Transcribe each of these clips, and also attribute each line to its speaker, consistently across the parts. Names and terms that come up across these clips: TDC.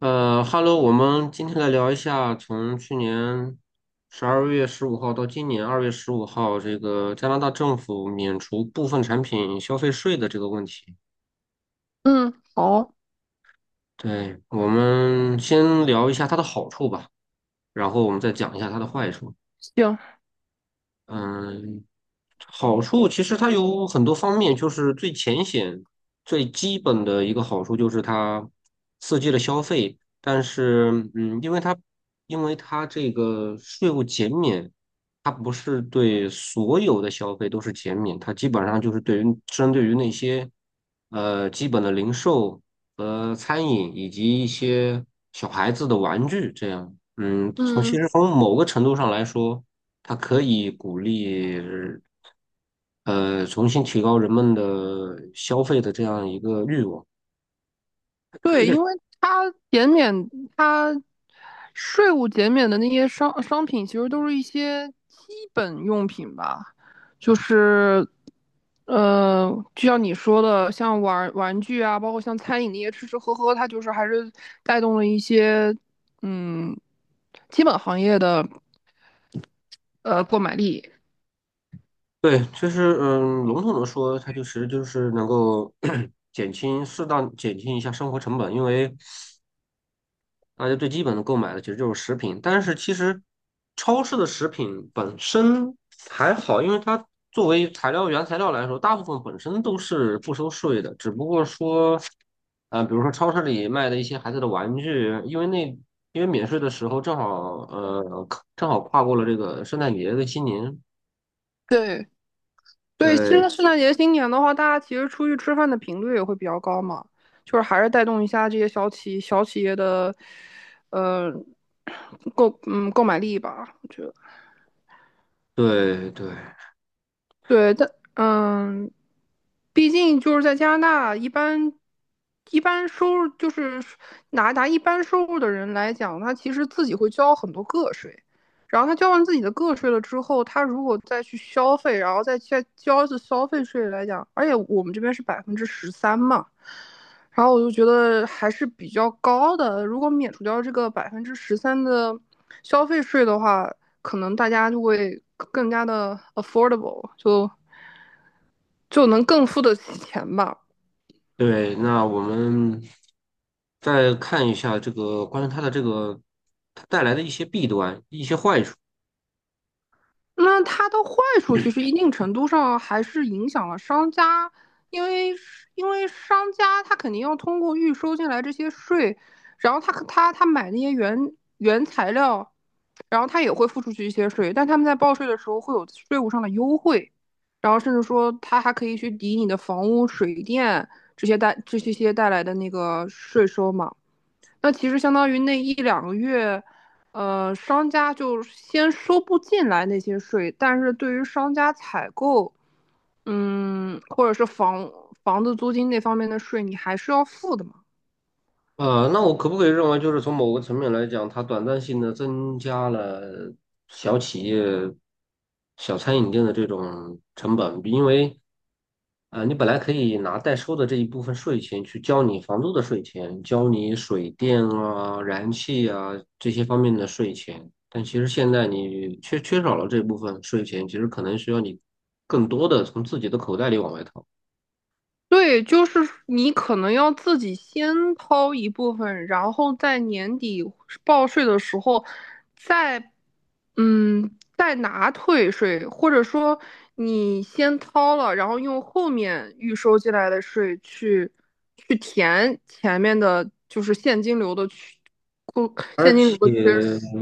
Speaker 1: 哈喽，我们今天来聊一下从去年12月15号到今年二月十五号，这个加拿大政府免除部分产品消费税的这个问题。
Speaker 2: 嗯，好，
Speaker 1: 对，我们先聊一下它的好处吧，然后我们再讲一下它的坏处。
Speaker 2: 行，
Speaker 1: 嗯，好处其实它有很多方面，就是最浅显、最基本的一个好处就是它刺激了消费，但是因为它这个税务减免，它不是对所有的消费都是减免，它基本上就是对于针对于那些基本的零售和餐饮以及一些小孩子的玩具这样，从其
Speaker 2: 嗯，
Speaker 1: 实从某个程度上来说。它可以鼓励重新提高人们的消费的这样一个欲望。
Speaker 2: 它减免，它税务减免的那些商品，其实都是一些基本用品吧，就是，呃，就像你说的，像玩具啊，包括像餐饮那些吃吃喝喝，它就是还是带动了一些，嗯，基本行业的购买力。
Speaker 1: 对，就是笼统的说，它就其实就是能够 适当减轻一下生活成本，因为大家最基本的购买的其实就是食品，但是其实超市的食品本身还好，因为它作为原材料来说，大部分本身都是不收税的，只不过说，比如说超市里卖的一些孩子的玩具，因为免税的时候呃正好跨过了这个圣诞节的新年，
Speaker 2: 对。对，其
Speaker 1: 对
Speaker 2: 实圣诞节新年的话，大家其实出去吃饭的频率也会比较高嘛，就是还是带动一下这些小企业的，呃，购买力吧。我觉得。
Speaker 1: 对对
Speaker 2: 对，但嗯，毕竟就是在加拿大，一般收入就是拿一般收入的人来讲，他其实自己会交很多个税，然后他交完自己的个税了之后，他如果再去消费，然后再交一次消费税来讲，而且我们这边是百分之十三嘛。然后我就觉得还是比较高的。如果免除掉这个百分之十三的消费税的话，可能大家就会更加的 affordable,就能更付得起钱吧。
Speaker 1: 对，那我们再看一下这个关于它的这个它带来的一些弊端、一些坏处。
Speaker 2: 那它的坏处其实一定程度上还是影响了商家，因为因为商家他肯定要通过预收进来这些税，然后他买那些原材料，然后他也会付出去一些税，但他们在报税的时候会有税务上的优惠，然后甚至说他还可以去抵你的房屋、水电这些带来的那个税收嘛。那其实相当于那一两个月，商家就先收不进来那些税，但是对于商家采购，或者是房子租金那方面的税，你还是要付的嘛。
Speaker 1: 那我可不可以认为，就是从某个层面来讲，它短暂性的增加了小企业、小餐饮店的这种成本？因为，你本来可以拿代收的这一部分税钱去交你房租的税钱，交你水电啊、燃气啊这些方面的税钱，但其实现在你缺少了这部分税钱，其实可能需要你更多的从自己的口袋里往外掏。
Speaker 2: 对，就是你可能要自己先掏一部分，然后在年底报税的时候再嗯，代拿退税，或者说你先掏了，然后用后面预收进来的税去填前面的，就是现金流的缺，
Speaker 1: 而
Speaker 2: 现金流
Speaker 1: 且
Speaker 2: 的缺失。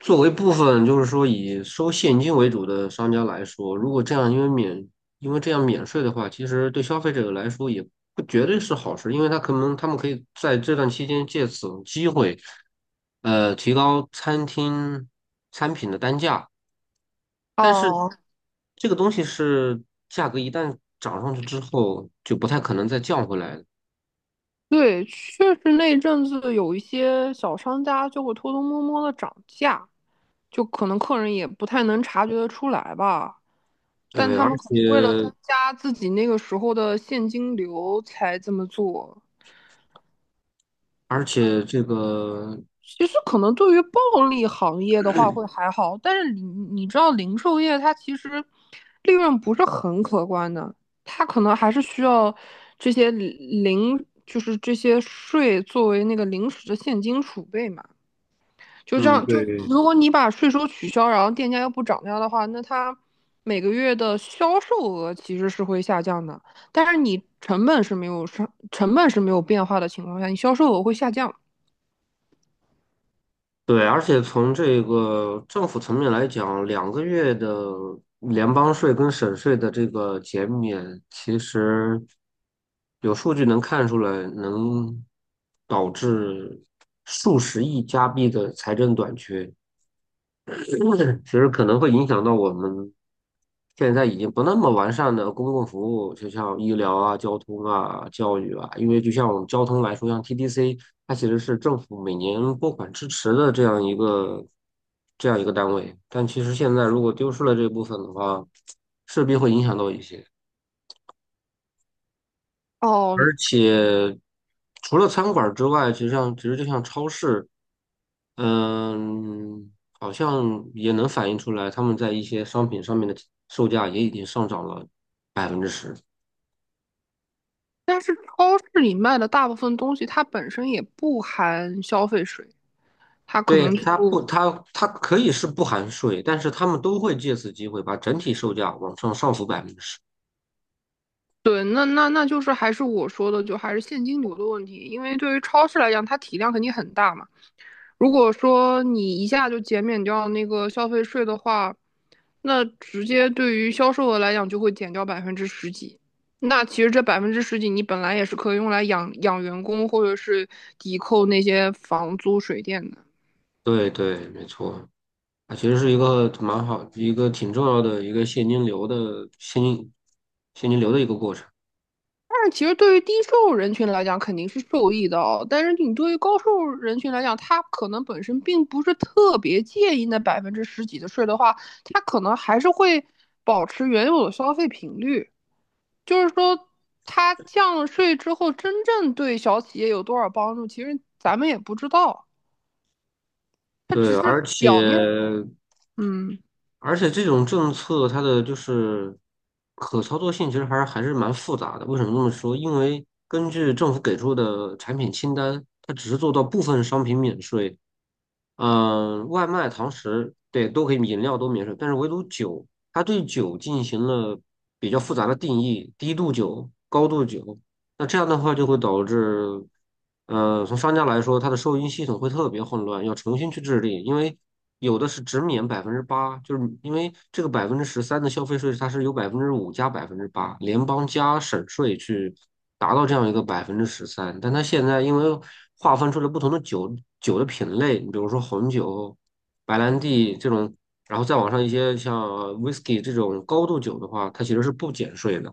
Speaker 1: 作为部分就是说以收现金为主的商家来说，如果这样因为这样免税的话，其实对消费者来说也不绝对是好事，因为他可能他们可以在这段期间借此机会，提高餐品的单价。但是
Speaker 2: 哦，
Speaker 1: 这个东西是价格一旦涨上去之后，就不太可能再降回来了。
Speaker 2: 对，确实那一阵子有一些小商家就会偷偷摸摸的涨价，就可能客人也不太能察觉得出来吧。但
Speaker 1: 呃，
Speaker 2: 他
Speaker 1: 而
Speaker 2: 们可能为了增
Speaker 1: 且
Speaker 2: 加自己那个时候的现金流才这么做。
Speaker 1: 而且这个，
Speaker 2: 其实可能对于暴利行业的话会还好，但是你知道零售业它其实利润不是很可观的，它可能还是需要这些零就是这些税作为那个临时的现金储备嘛。就这
Speaker 1: 嗯，
Speaker 2: 样，就
Speaker 1: 对。
Speaker 2: 如果你把税收取消，然后店家又不涨价的话，那它每个月的销售额其实是会下降的，但是你成本是没有上，成本是没有变化的情况下，你销售额会下降。
Speaker 1: 对，而且从这个政府层面来讲，两个月的联邦税跟省税的这个减免，其实有数据能看出来，能导致数十亿加币的财政短缺，其实可能会影响到我们现在已经不那么完善的公共服务，就像医疗啊、交通啊、教育啊，因为就像我们交通来说，像 TDC，它其实是政府每年拨款支持的这样一个单位，但其实现在如果丢失了这部分的话，势必会影响到一些。
Speaker 2: 哦，
Speaker 1: 而且除了餐馆儿之外，其实就像超市，嗯，好像也能反映出来，他们在一些商品上面的售价也已经上涨了百分之十。
Speaker 2: 但是超市里卖的大部分东西，它本身也不含消费税，它可
Speaker 1: 对，
Speaker 2: 能
Speaker 1: 它
Speaker 2: 就
Speaker 1: 不，它它可以是不含税，但是他们都会借此机会把整体售价往上浮百分之十。
Speaker 2: 对，那就是还是我说的，就还是现金流的问题。因为对于超市来讲，它体量肯定很大嘛。如果说你一下就减免掉那个消费税的话，那直接对于销售额来讲就会减掉百分之十几。那其实这百分之十几，你本来也是可以用来养员工，或者是抵扣那些房租、水电的。
Speaker 1: 对对，没错，啊，其实是一个蛮好，一个挺重要的一个现金流的一个过程。
Speaker 2: 但其实对于低收入人群来讲，肯定是受益的哦。但是你对于高收入人群来讲，他可能本身并不是特别介意那百分之十几的税的话，他可能还是会保持原有的消费频率。就是说，他降了税之后，真正对小企业有多少帮助，其实咱们也不知道。他
Speaker 1: 对，
Speaker 2: 只是
Speaker 1: 而且
Speaker 2: 表面，嗯。
Speaker 1: 这种政策它的就是可操作性其实还是蛮复杂的。为什么这么说？因为根据政府给出的产品清单，它只是做到部分商品免税，外卖、堂食，对，都可以，饮料都免税，但是唯独酒，它对酒进行了比较复杂的定义，低度酒、高度酒，那这样的话就会导致，从商家来说，它的收银系统会特别混乱，要重新去制定，因为有的是只免百分之八，就是因为这个百分之十三的消费税，它是由5%加百分之八，联邦加省税去。达到这样一个百分之十三，但它现在因为划分出了不同的酒的品类，你比如说红酒、白兰地这种，然后再往上一些像 whisky 这种高度酒的话，它其实是不减税的。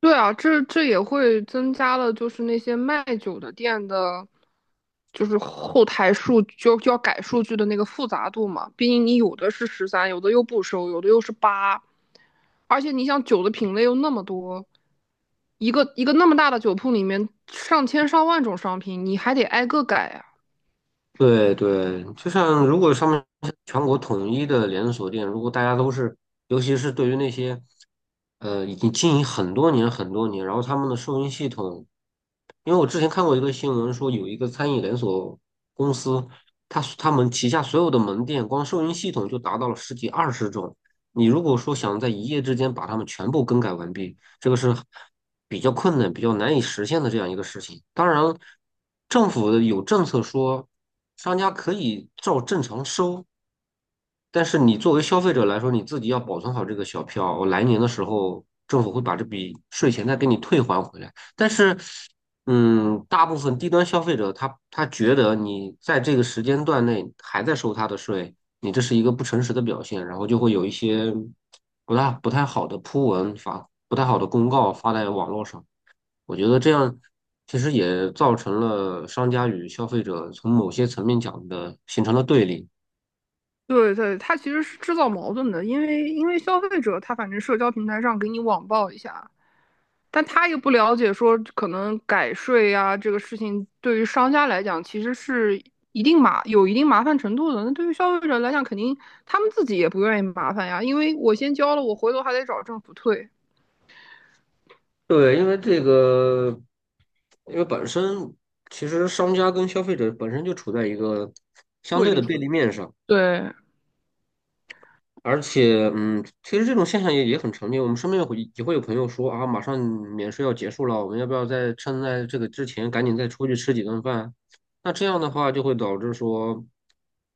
Speaker 2: 对啊，这也会增加了，就是那些卖酒的店的，就是后台数就就要改数据的那个复杂度嘛。毕竟你有的是十三，有的又不收，有的又是8，而且你想酒的品类又那么多，一个一个那么大的酒铺里面上千上万种商品，你还得挨个改啊。
Speaker 1: 对对，就像如果上面全国统一的连锁店，如果大家都是，尤其是对于那些，已经经营很多年很多年，然后他们的收银系统，因为我之前看过一个新闻，说有一个餐饮连锁公司，他们旗下所有的门店，光收银系统就达到了十几二十种。你如果说想在一夜之间把它们全部更改完毕，这个是比较困难、比较难以实现的这样一个事情。当然，政府的有政策说。商家可以照正常收，但是你作为消费者来说，你自己要保存好这个小票，我来年的时候政府会把这笔税钱再给你退还回来。但是，大部分低端消费者他觉得你在这个时间段内还在收他的税，你这是一个不诚实的表现，然后就会有一些不大不太好的铺文发，不太好的公告发在网络上。我觉得这样其实也造成了商家与消费者从某些层面讲的形成了对立。
Speaker 2: 对对，它其实是制造矛盾的，因为消费者他反正社交平台上给你网暴一下，但他又不了解说可能改税呀、这个事情，对于商家来讲其实是一定麻有一定麻烦程度的。那对于消费者来讲，肯定他们自己也不愿意麻烦呀，因为我先交了，我回头还得找政府退，
Speaker 1: 对，因为本身其实商家跟消费者本身就处在一个相
Speaker 2: 对
Speaker 1: 对的
Speaker 2: 立
Speaker 1: 对立面上，
Speaker 2: 对，
Speaker 1: 而且，其实这种现象也很常见。我们身边也会有朋友说啊，马上免税要结束了，我们要不要趁在这个之前赶紧再出去吃几顿饭？那这样的话就会导致说，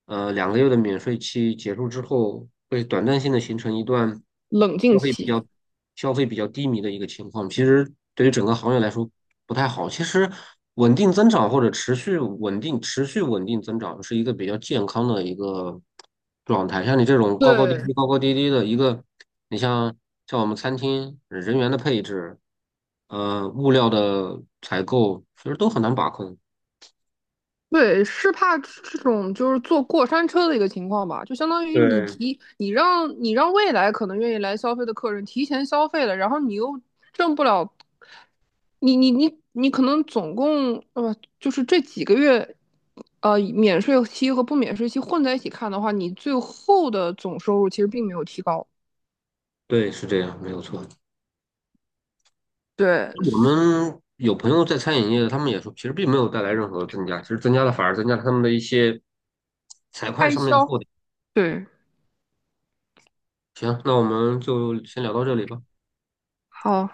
Speaker 1: 两个月的免税期结束之后，会短暂性的形成一段
Speaker 2: 冷静
Speaker 1: 消费比较
Speaker 2: 期。
Speaker 1: 消费比较低迷的一个情况。其实对于整个行业来说不太好。其实稳定增长或者持续稳定增长是一个比较健康的一个状态。像你这种高高低
Speaker 2: 对
Speaker 1: 低高高低低的一个，你像像我们餐厅人员的配置，物料的采购，其实都很难把控。
Speaker 2: 对，是怕这种就是坐过山车的一个情况吧，就相当于
Speaker 1: 对，
Speaker 2: 你让未来可能愿意来消费的客人提前消费了，然后你又挣不了你可能总共就是这几个月，免税期和不免税期混在一起看的话，你最后的总收入其实并没有提高。
Speaker 1: 对，是这样，没有错。
Speaker 2: 对，
Speaker 1: 我们有朋友在餐饮业的他们也说，其实并没有带来任何增加，其实增加了反而增加了他们的一些财会
Speaker 2: 开
Speaker 1: 上面的
Speaker 2: 销。
Speaker 1: 负担。
Speaker 2: 对，
Speaker 1: 行，那我们就先聊到这里吧。
Speaker 2: 好。